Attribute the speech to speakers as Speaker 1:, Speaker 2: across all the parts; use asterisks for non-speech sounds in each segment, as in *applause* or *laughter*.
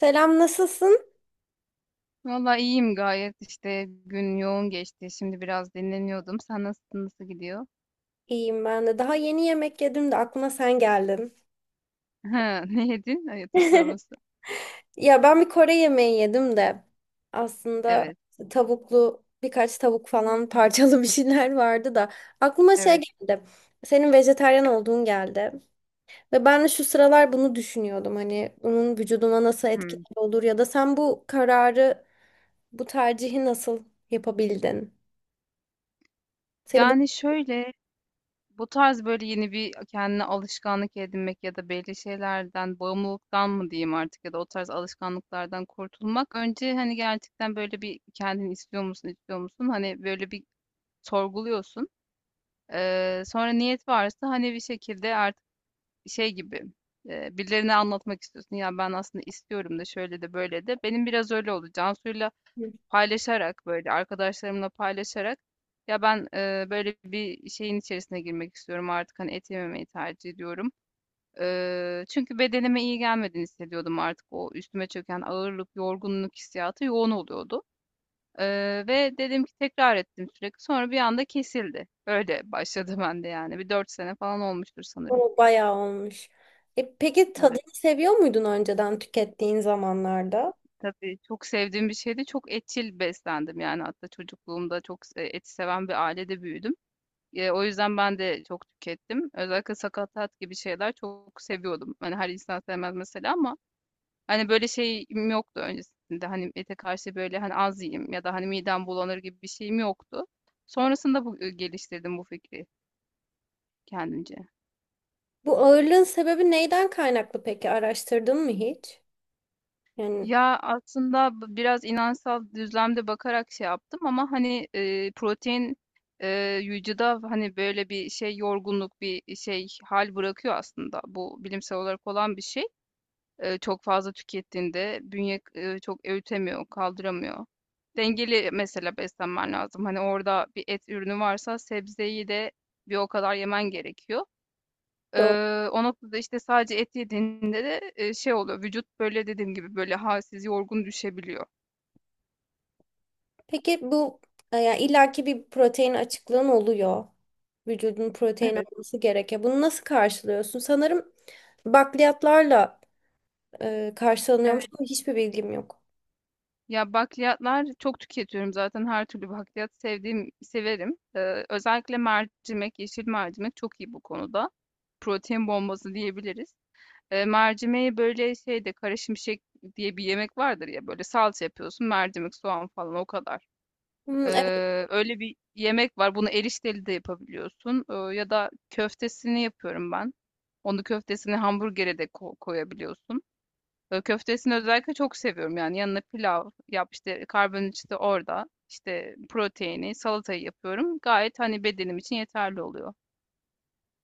Speaker 1: Selam, nasılsın?
Speaker 2: Valla iyiyim gayet işte gün yoğun geçti. Şimdi biraz dinleniyordum. Sen nasılsın? Nasıl gidiyor?
Speaker 1: İyiyim ben de. Daha yeni yemek yedim de aklıma sen geldin.
Speaker 2: *laughs* Ha, ne yedin? Hayatır
Speaker 1: *laughs*
Speaker 2: sorması.
Speaker 1: Ya ben bir Kore yemeği yedim de aslında
Speaker 2: Evet.
Speaker 1: tavuklu birkaç tavuk falan, *laughs* parçalı bir şeyler vardı da aklıma şey
Speaker 2: Evet.
Speaker 1: geldi. Senin vejetaryen olduğun geldi. Ve ben de şu sıralar bunu düşünüyordum. Hani bunun vücuduma nasıl etkileri
Speaker 2: Hmm.
Speaker 1: olur ya da sen bu kararı, bu tercihi nasıl yapabildin? Seni bu...
Speaker 2: Yani şöyle bu tarz böyle yeni bir kendine alışkanlık edinmek ya da belli şeylerden bağımlılıktan mı diyeyim artık ya da o tarz alışkanlıklardan kurtulmak. Önce hani gerçekten böyle bir kendini istiyor musun, istiyor musun? Hani böyle bir sorguluyorsun. Sonra niyet varsa hani bir şekilde şey gibi birilerine anlatmak istiyorsun. Ya ben aslında istiyorum da şöyle de böyle de. Benim biraz öyle oldu. Cansu'yla
Speaker 1: Hı.
Speaker 2: paylaşarak böyle arkadaşlarımla paylaşarak ya ben böyle bir şeyin içerisine girmek istiyorum artık hani et yememeyi tercih ediyorum. Çünkü bedenime iyi gelmediğini hissediyordum artık o üstüme çöken ağırlık, yorgunluk hissiyatı yoğun oluyordu. E, Ve dedim ki tekrar ettim sürekli. Sonra bir anda kesildi. Öyle başladı *laughs* bende yani. Bir dört sene falan olmuştur sanırım.
Speaker 1: O bayağı olmuş. E, peki
Speaker 2: Evet.
Speaker 1: tadını seviyor muydun önceden tükettiğin zamanlarda?
Speaker 2: Tabii çok sevdiğim bir şeydi. Çok etçil beslendim yani hatta çocukluğumda eti seven bir ailede büyüdüm. O yüzden ben de çok tükettim. Özellikle sakatat gibi şeyler çok seviyordum. Hani her insan sevmez mesela ama hani böyle şeyim yoktu öncesinde. Hani ete karşı böyle hani az yiyeyim ya da hani midem bulanır gibi bir şeyim yoktu. Sonrasında bu geliştirdim bu fikri kendimce.
Speaker 1: Bu ağırlığın sebebi neyden kaynaklı peki? Araştırdın mı hiç? Yani
Speaker 2: Ya aslında biraz inançsal düzlemde bakarak şey yaptım ama hani protein vücuda hani böyle bir şey yorgunluk bir şey hal bırakıyor aslında. Bu bilimsel olarak olan bir şey. Çok fazla tükettiğinde bünye çok öğütemiyor, kaldıramıyor. Dengeli mesela beslenmen lazım. Hani orada bir et ürünü varsa sebzeyi de bir o kadar yemen gerekiyor.
Speaker 1: doğru.
Speaker 2: O noktada, işte, sadece et yediğinde de, şey oluyor, vücut, böyle, dediğim gibi, böyle, halsiz, yorgun düşebiliyor.
Speaker 1: Peki bu e, yani illaki bir protein açıklığın oluyor. Vücudun protein
Speaker 2: Evet,
Speaker 1: alması gerekiyor. Bunu nasıl karşılıyorsun? Sanırım bakliyatlarla e,
Speaker 2: evet.
Speaker 1: karşılanıyormuş ama hiçbir bilgim yok.
Speaker 2: Ya, bakliyatlar çok tüketiyorum zaten her türlü bakliyat sevdiğim severim. Özellikle mercimek, yeşil mercimek çok iyi bu konuda. Protein bombası diyebiliriz. Mercimeği, böyle, şeyde, kara şimşek diye bir yemek vardır ya, böyle, salça yapıyorsun, mercimek, soğan falan o kadar.
Speaker 1: Hmm, evet.
Speaker 2: Öyle bir yemek var. Bunu erişteli de yapabiliyorsun. Ya da köftesini yapıyorum ben. Onu köftesini hamburgere de koyabiliyorsun. Köftesini özellikle çok seviyorum. Yani yanına pilav yap işte karbonhidratı orada. İşte proteini, salatayı yapıyorum. Gayet hani bedenim için yeterli oluyor.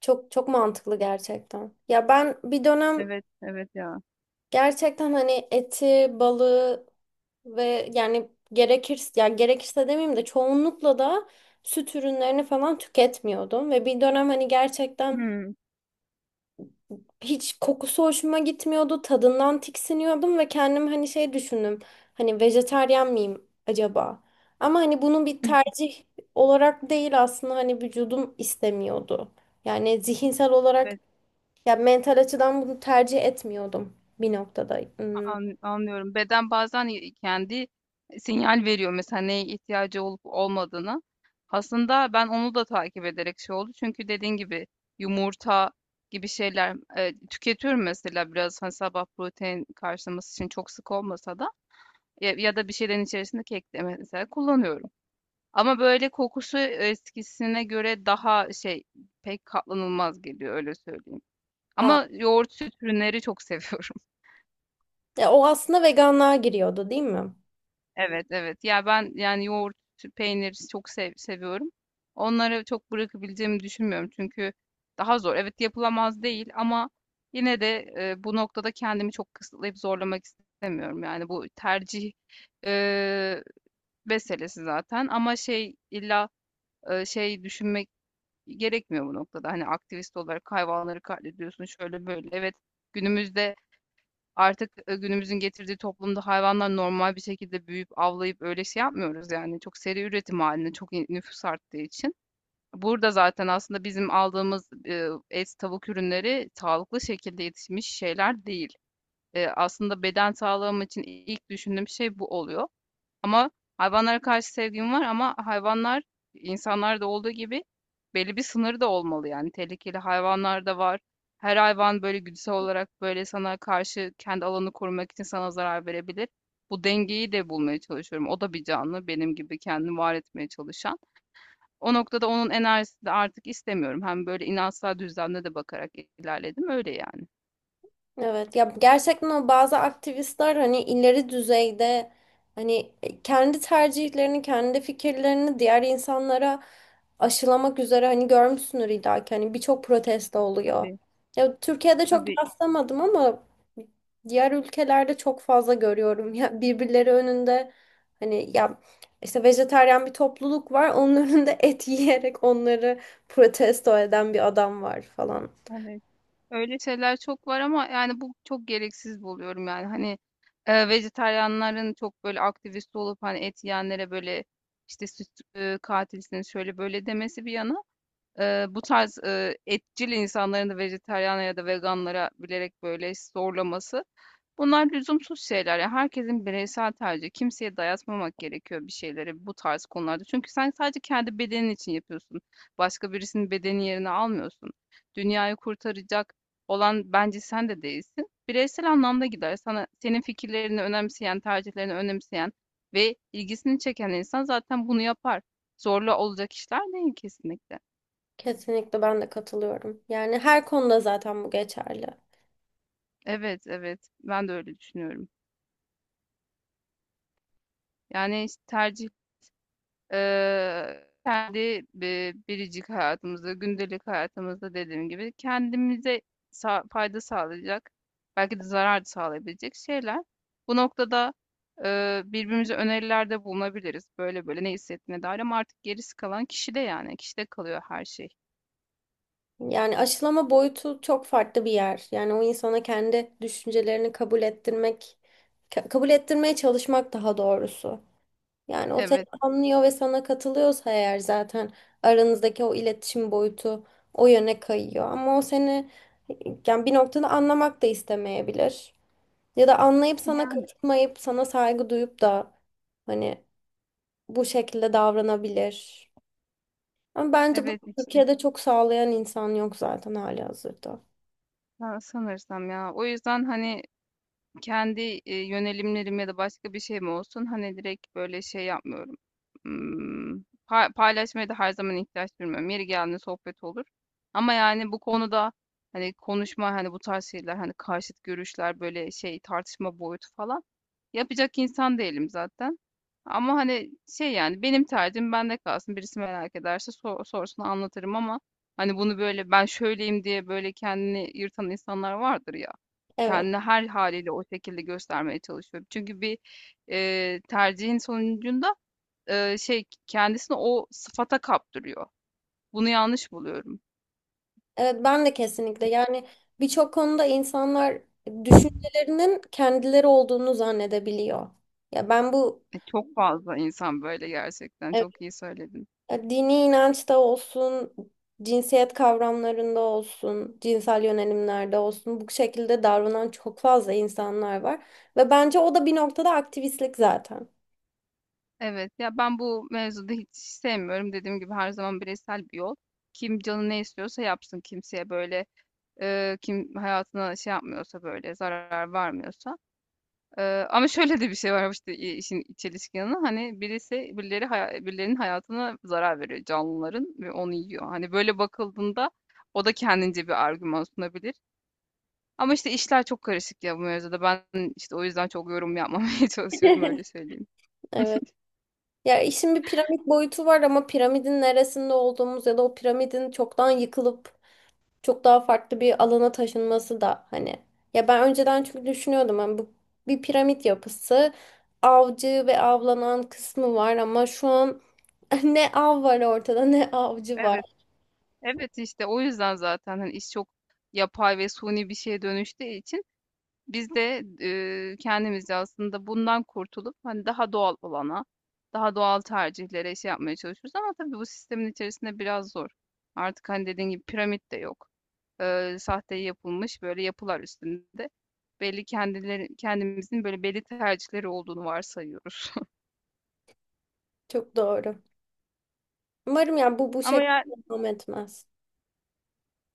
Speaker 1: Çok çok mantıklı gerçekten. Ya ben bir dönem
Speaker 2: Evet, evet ya.
Speaker 1: gerçekten hani eti, balığı ve yani gerekirse, yani gerekirse demeyeyim de çoğunlukla da süt ürünlerini falan tüketmiyordum ve bir dönem hani gerçekten
Speaker 2: Hmm,
Speaker 1: hiç kokusu hoşuma gitmiyordu, tadından tiksiniyordum ve kendim hani şey düşündüm. Hani vejetaryen miyim acaba? Ama hani bunu bir
Speaker 2: *laughs*
Speaker 1: tercih olarak değil, aslında hani vücudum istemiyordu. Yani zihinsel olarak...
Speaker 2: evet.
Speaker 1: Ya mental açıdan bunu tercih etmiyordum bir noktada. Hmm.
Speaker 2: Anlıyorum. Beden bazen, kendi sinyal veriyor mesela neye ihtiyacı olup olmadığını. Aslında ben onu da takip ederek şey oldu çünkü dediğin gibi yumurta gibi şeyler, tüketiyorum mesela biraz, hani, sabah protein karşılaması için çok sık olmasa da ya da bir şeylerin içerisinde kek de mesela kullanıyorum. Ama böyle kokusu eskisine göre daha şey, pek katlanılmaz geliyor öyle söyleyeyim.
Speaker 1: Aa.
Speaker 2: Ama yoğurt, süt ürünleri çok *laughs* seviyorum.
Speaker 1: Ya o aslında veganlığa giriyordu, değil mi?
Speaker 2: Evet, evet. Ya ben yani yoğurt, süt, peynir çok sev seviyorum. Onları çok bırakabileceğimi düşünmüyorum çünkü daha zor. Evet yapılamaz değil ama yine de bu noktada kendimi çok kısıtlayıp zorlamak istemiyorum. Yani bu tercih e, meselesi zaten ama şey illa şey düşünmek gerekmiyor bu noktada. Hani aktivist olarak hayvanları katlediyorsun şöyle böyle. Evet günümüzde artık, günümüzün getirdiği toplumda hayvanlar normal bir şekilde büyüyüp, avlayıp öyle şey yapmıyoruz yani. Çok seri üretim halinde çok i nüfus arttığı için. Burada zaten aslında bizim aldığımız, et, tavuk ürünleri sağlıklı şekilde yetişmiş şeyler değil. Aslında beden sağlığım için ilk düşündüğüm şey bu oluyor. Ama hayvanlara karşı sevgim var ama hayvanlar insanlarda olduğu gibi belli bir sınırı da olmalı yani. Tehlikeli hayvanlar da var. Her hayvan böyle güdüsel olarak böyle sana karşı kendi alanını korumak için sana zarar verebilir. Bu dengeyi de bulmaya çalışıyorum. O da bir canlı, benim gibi kendini var etmeye çalışan. O noktada onun enerjisini de artık istemiyorum. Hem böyle inançsal düzlemde de bakarak ilerledim öyle yani.
Speaker 1: Evet ya, gerçekten o bazı aktivistler hani ileri düzeyde hani e, kendi tercihlerini, kendi fikirlerini diğer insanlara aşılamak üzere, hani görmüşsündür illaki, hani birçok protesto oluyor.
Speaker 2: Tabii,
Speaker 1: Ya Türkiye'de çok
Speaker 2: tabii.
Speaker 1: rastlamadım ama diğer ülkelerde çok fazla görüyorum ya, birbirleri önünde hani ya, işte vejetaryen bir topluluk var, onun *laughs* önünde et yiyerek onları protesto eden bir adam var falan.
Speaker 2: Hani öyle şeyler çok var ama yani bu çok gereksiz buluyorum yani hani vejetaryenlerin çok böyle aktivist olup hani et yiyenlere böyle işte süt katilsiniz şöyle böyle demesi bir yana. Bu tarz etçil insanların da vejetaryen ya da veganlara bilerek böyle zorlaması. Bunlar lüzumsuz şeyler. Yani herkesin bireysel tercihi. Kimseye dayatmamak gerekiyor bir şeyleri bu tarz konularda. Çünkü sen sadece kendi bedenin için yapıyorsun. Başka birisinin bedeni yerine almıyorsun. Dünyayı kurtaracak olan bence sen de değilsin. Bireysel anlamda gider. Sana senin fikirlerini önemseyen, tercihlerini önemseyen ve ilgisini çeken insan zaten bunu yapar. Zorla olacak işler değil kesinlikle.
Speaker 1: Kesinlikle ben de katılıyorum. Yani her konuda zaten bu geçerli.
Speaker 2: Evet, evet. Ben de öyle düşünüyorum. Yani işte tercih kendi biricik hayatımızda, gündelik hayatımızda dediğim gibi kendimize fayda sağlayacak, belki de zarar sağlayabilecek şeyler. Bu noktada birbirimize önerilerde bulunabiliriz. Böyle böyle ne hissettiğine dair ama artık gerisi kalan kişide yani. Kişide kalıyor her şey.
Speaker 1: Yani aşılama boyutu çok farklı bir yer. Yani o insana kendi düşüncelerini kabul ettirmek, kabul ettirmeye çalışmak daha doğrusu. Yani o seni
Speaker 2: Evet.
Speaker 1: anlıyor ve sana katılıyorsa eğer, zaten aranızdaki o iletişim boyutu o yöne kayıyor. Ama o seni yani bir noktada anlamak da istemeyebilir. Ya da anlayıp sana
Speaker 2: Yani
Speaker 1: katılmayıp sana saygı duyup da hani bu şekilde davranabilir. Ama bence bunu
Speaker 2: evet işte.
Speaker 1: Türkiye'de çok sağlayan insan yok zaten halihazırda.
Speaker 2: Ben sanırsam ya. O yüzden hani kendi, yönelimlerim ya da başka bir şey mi olsun, hani, direkt, böyle, şey yapmıyorum. Paylaşmaya da her zaman ihtiyaç duymuyorum. Yeri geldiğinde sohbet olur ama, yani, bu konuda, hani, konuşma, hani, bu tarz şeyler, hani, karşıt görüşler, böyle, şey, tartışma boyutu falan yapacak insan değilim zaten. Ama hani şey yani benim tercihim bende kalsın. Birisi merak ederse sorsun anlatırım ama hani bunu böyle ben şöyleyim diye böyle kendini yırtan insanlar vardır ya.
Speaker 1: Evet.
Speaker 2: Kendini her haliyle o şekilde göstermeye çalışıyor. Çünkü bir tercihin sonucunda şey kendisini o sıfata kaptırıyor. Bunu yanlış buluyorum.
Speaker 1: Evet ben de kesinlikle, yani birçok konuda insanlar düşüncelerinin kendileri olduğunu zannedebiliyor. Ya ben bu,
Speaker 2: Çok fazla insan böyle gerçekten.
Speaker 1: evet,
Speaker 2: Çok iyi söyledin.
Speaker 1: dini inançta olsun, cinsiyet kavramlarında olsun, cinsel yönelimlerde olsun bu şekilde davranan çok fazla insanlar var ve bence o da bir noktada aktivistlik zaten.
Speaker 2: Evet ya ben bu mevzuda hiç sevmiyorum. Dediğim gibi her zaman bireysel bir yol. Kim canı ne istiyorsa yapsın kimseye böyle kim hayatına şey yapmıyorsa böyle zarar vermiyorsa. E, Ama şöyle de bir şey var işte işin çelişki yanı hani birisi birileri birilerinin hayatına zarar veriyor canlıların ve onu yiyor. Hani böyle bakıldığında o da kendince bir argüman sunabilir. Ama işte işler çok karışık ya bu mevzuda. Ben işte o yüzden çok yorum yapmamaya *laughs* çalışıyorum
Speaker 1: *laughs*
Speaker 2: öyle söyleyeyim.
Speaker 1: Evet. Ya işin bir piramit boyutu var ama piramidin neresinde olduğumuz ya da o piramidin çoktan yıkılıp çok daha farklı bir alana taşınması da hani. Ya ben önceden çünkü düşünüyordum hani bu bir piramit yapısı, avcı ve avlanan kısmı var ama şu an *laughs* ne av var ortada ne avcı
Speaker 2: Evet.
Speaker 1: var.
Speaker 2: Evet, işte o yüzden zaten, hani, iş çok yapay ve suni bir şeye dönüştüğü için biz de, kendimizce aslında bundan kurtulup, hani, daha doğal olana, daha doğal tercihlere şey yapmaya çalışıyoruz ama tabii bu sistemin içerisinde biraz zor. Artık, hani, dediğin gibi piramit de yok. Sahte yapılmış böyle yapılar üstünde. Belli kendileri kendimizin böyle belli tercihleri olduğunu varsayıyoruz. *laughs*
Speaker 1: Çok doğru. Umarım yani bu bu
Speaker 2: Ama
Speaker 1: şekilde
Speaker 2: ya
Speaker 1: devam etmez.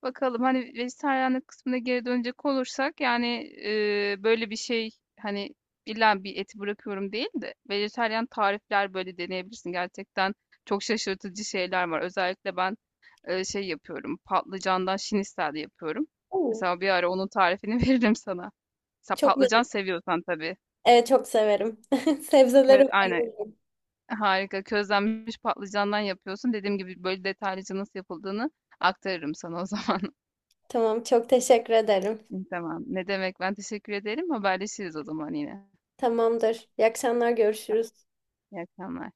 Speaker 2: bakalım hani vejetaryenlik kısmına geri dönecek olursak yani böyle bir şey hani illa bir eti bırakıyorum değil de vejetaryen tarifler böyle deneyebilirsin. Gerçekten çok şaşırtıcı şeyler var. Özellikle ben şey yapıyorum patlıcandan şinistel yapıyorum.
Speaker 1: Oo.
Speaker 2: Mesela bir ara onun tarifini *laughs* veririm sana. Mesela
Speaker 1: Çok
Speaker 2: patlıcan
Speaker 1: merak-...
Speaker 2: seviyorsan tabii.
Speaker 1: Evet çok severim. *laughs* Sebzelere
Speaker 2: Aynen
Speaker 1: bayılırım.
Speaker 2: harika közlenmiş patlıcandan yapıyorsun. Dediğim gibi böyle detaylıca nasıl yapıldığını aktarırım sana o zaman.
Speaker 1: Tamam çok teşekkür ederim.
Speaker 2: Tamam. Ne demek, ben teşekkür ederim. Haberleşiriz o zaman yine.
Speaker 1: Tamamdır. İyi akşamlar, görüşürüz.
Speaker 2: İyi akşamlar.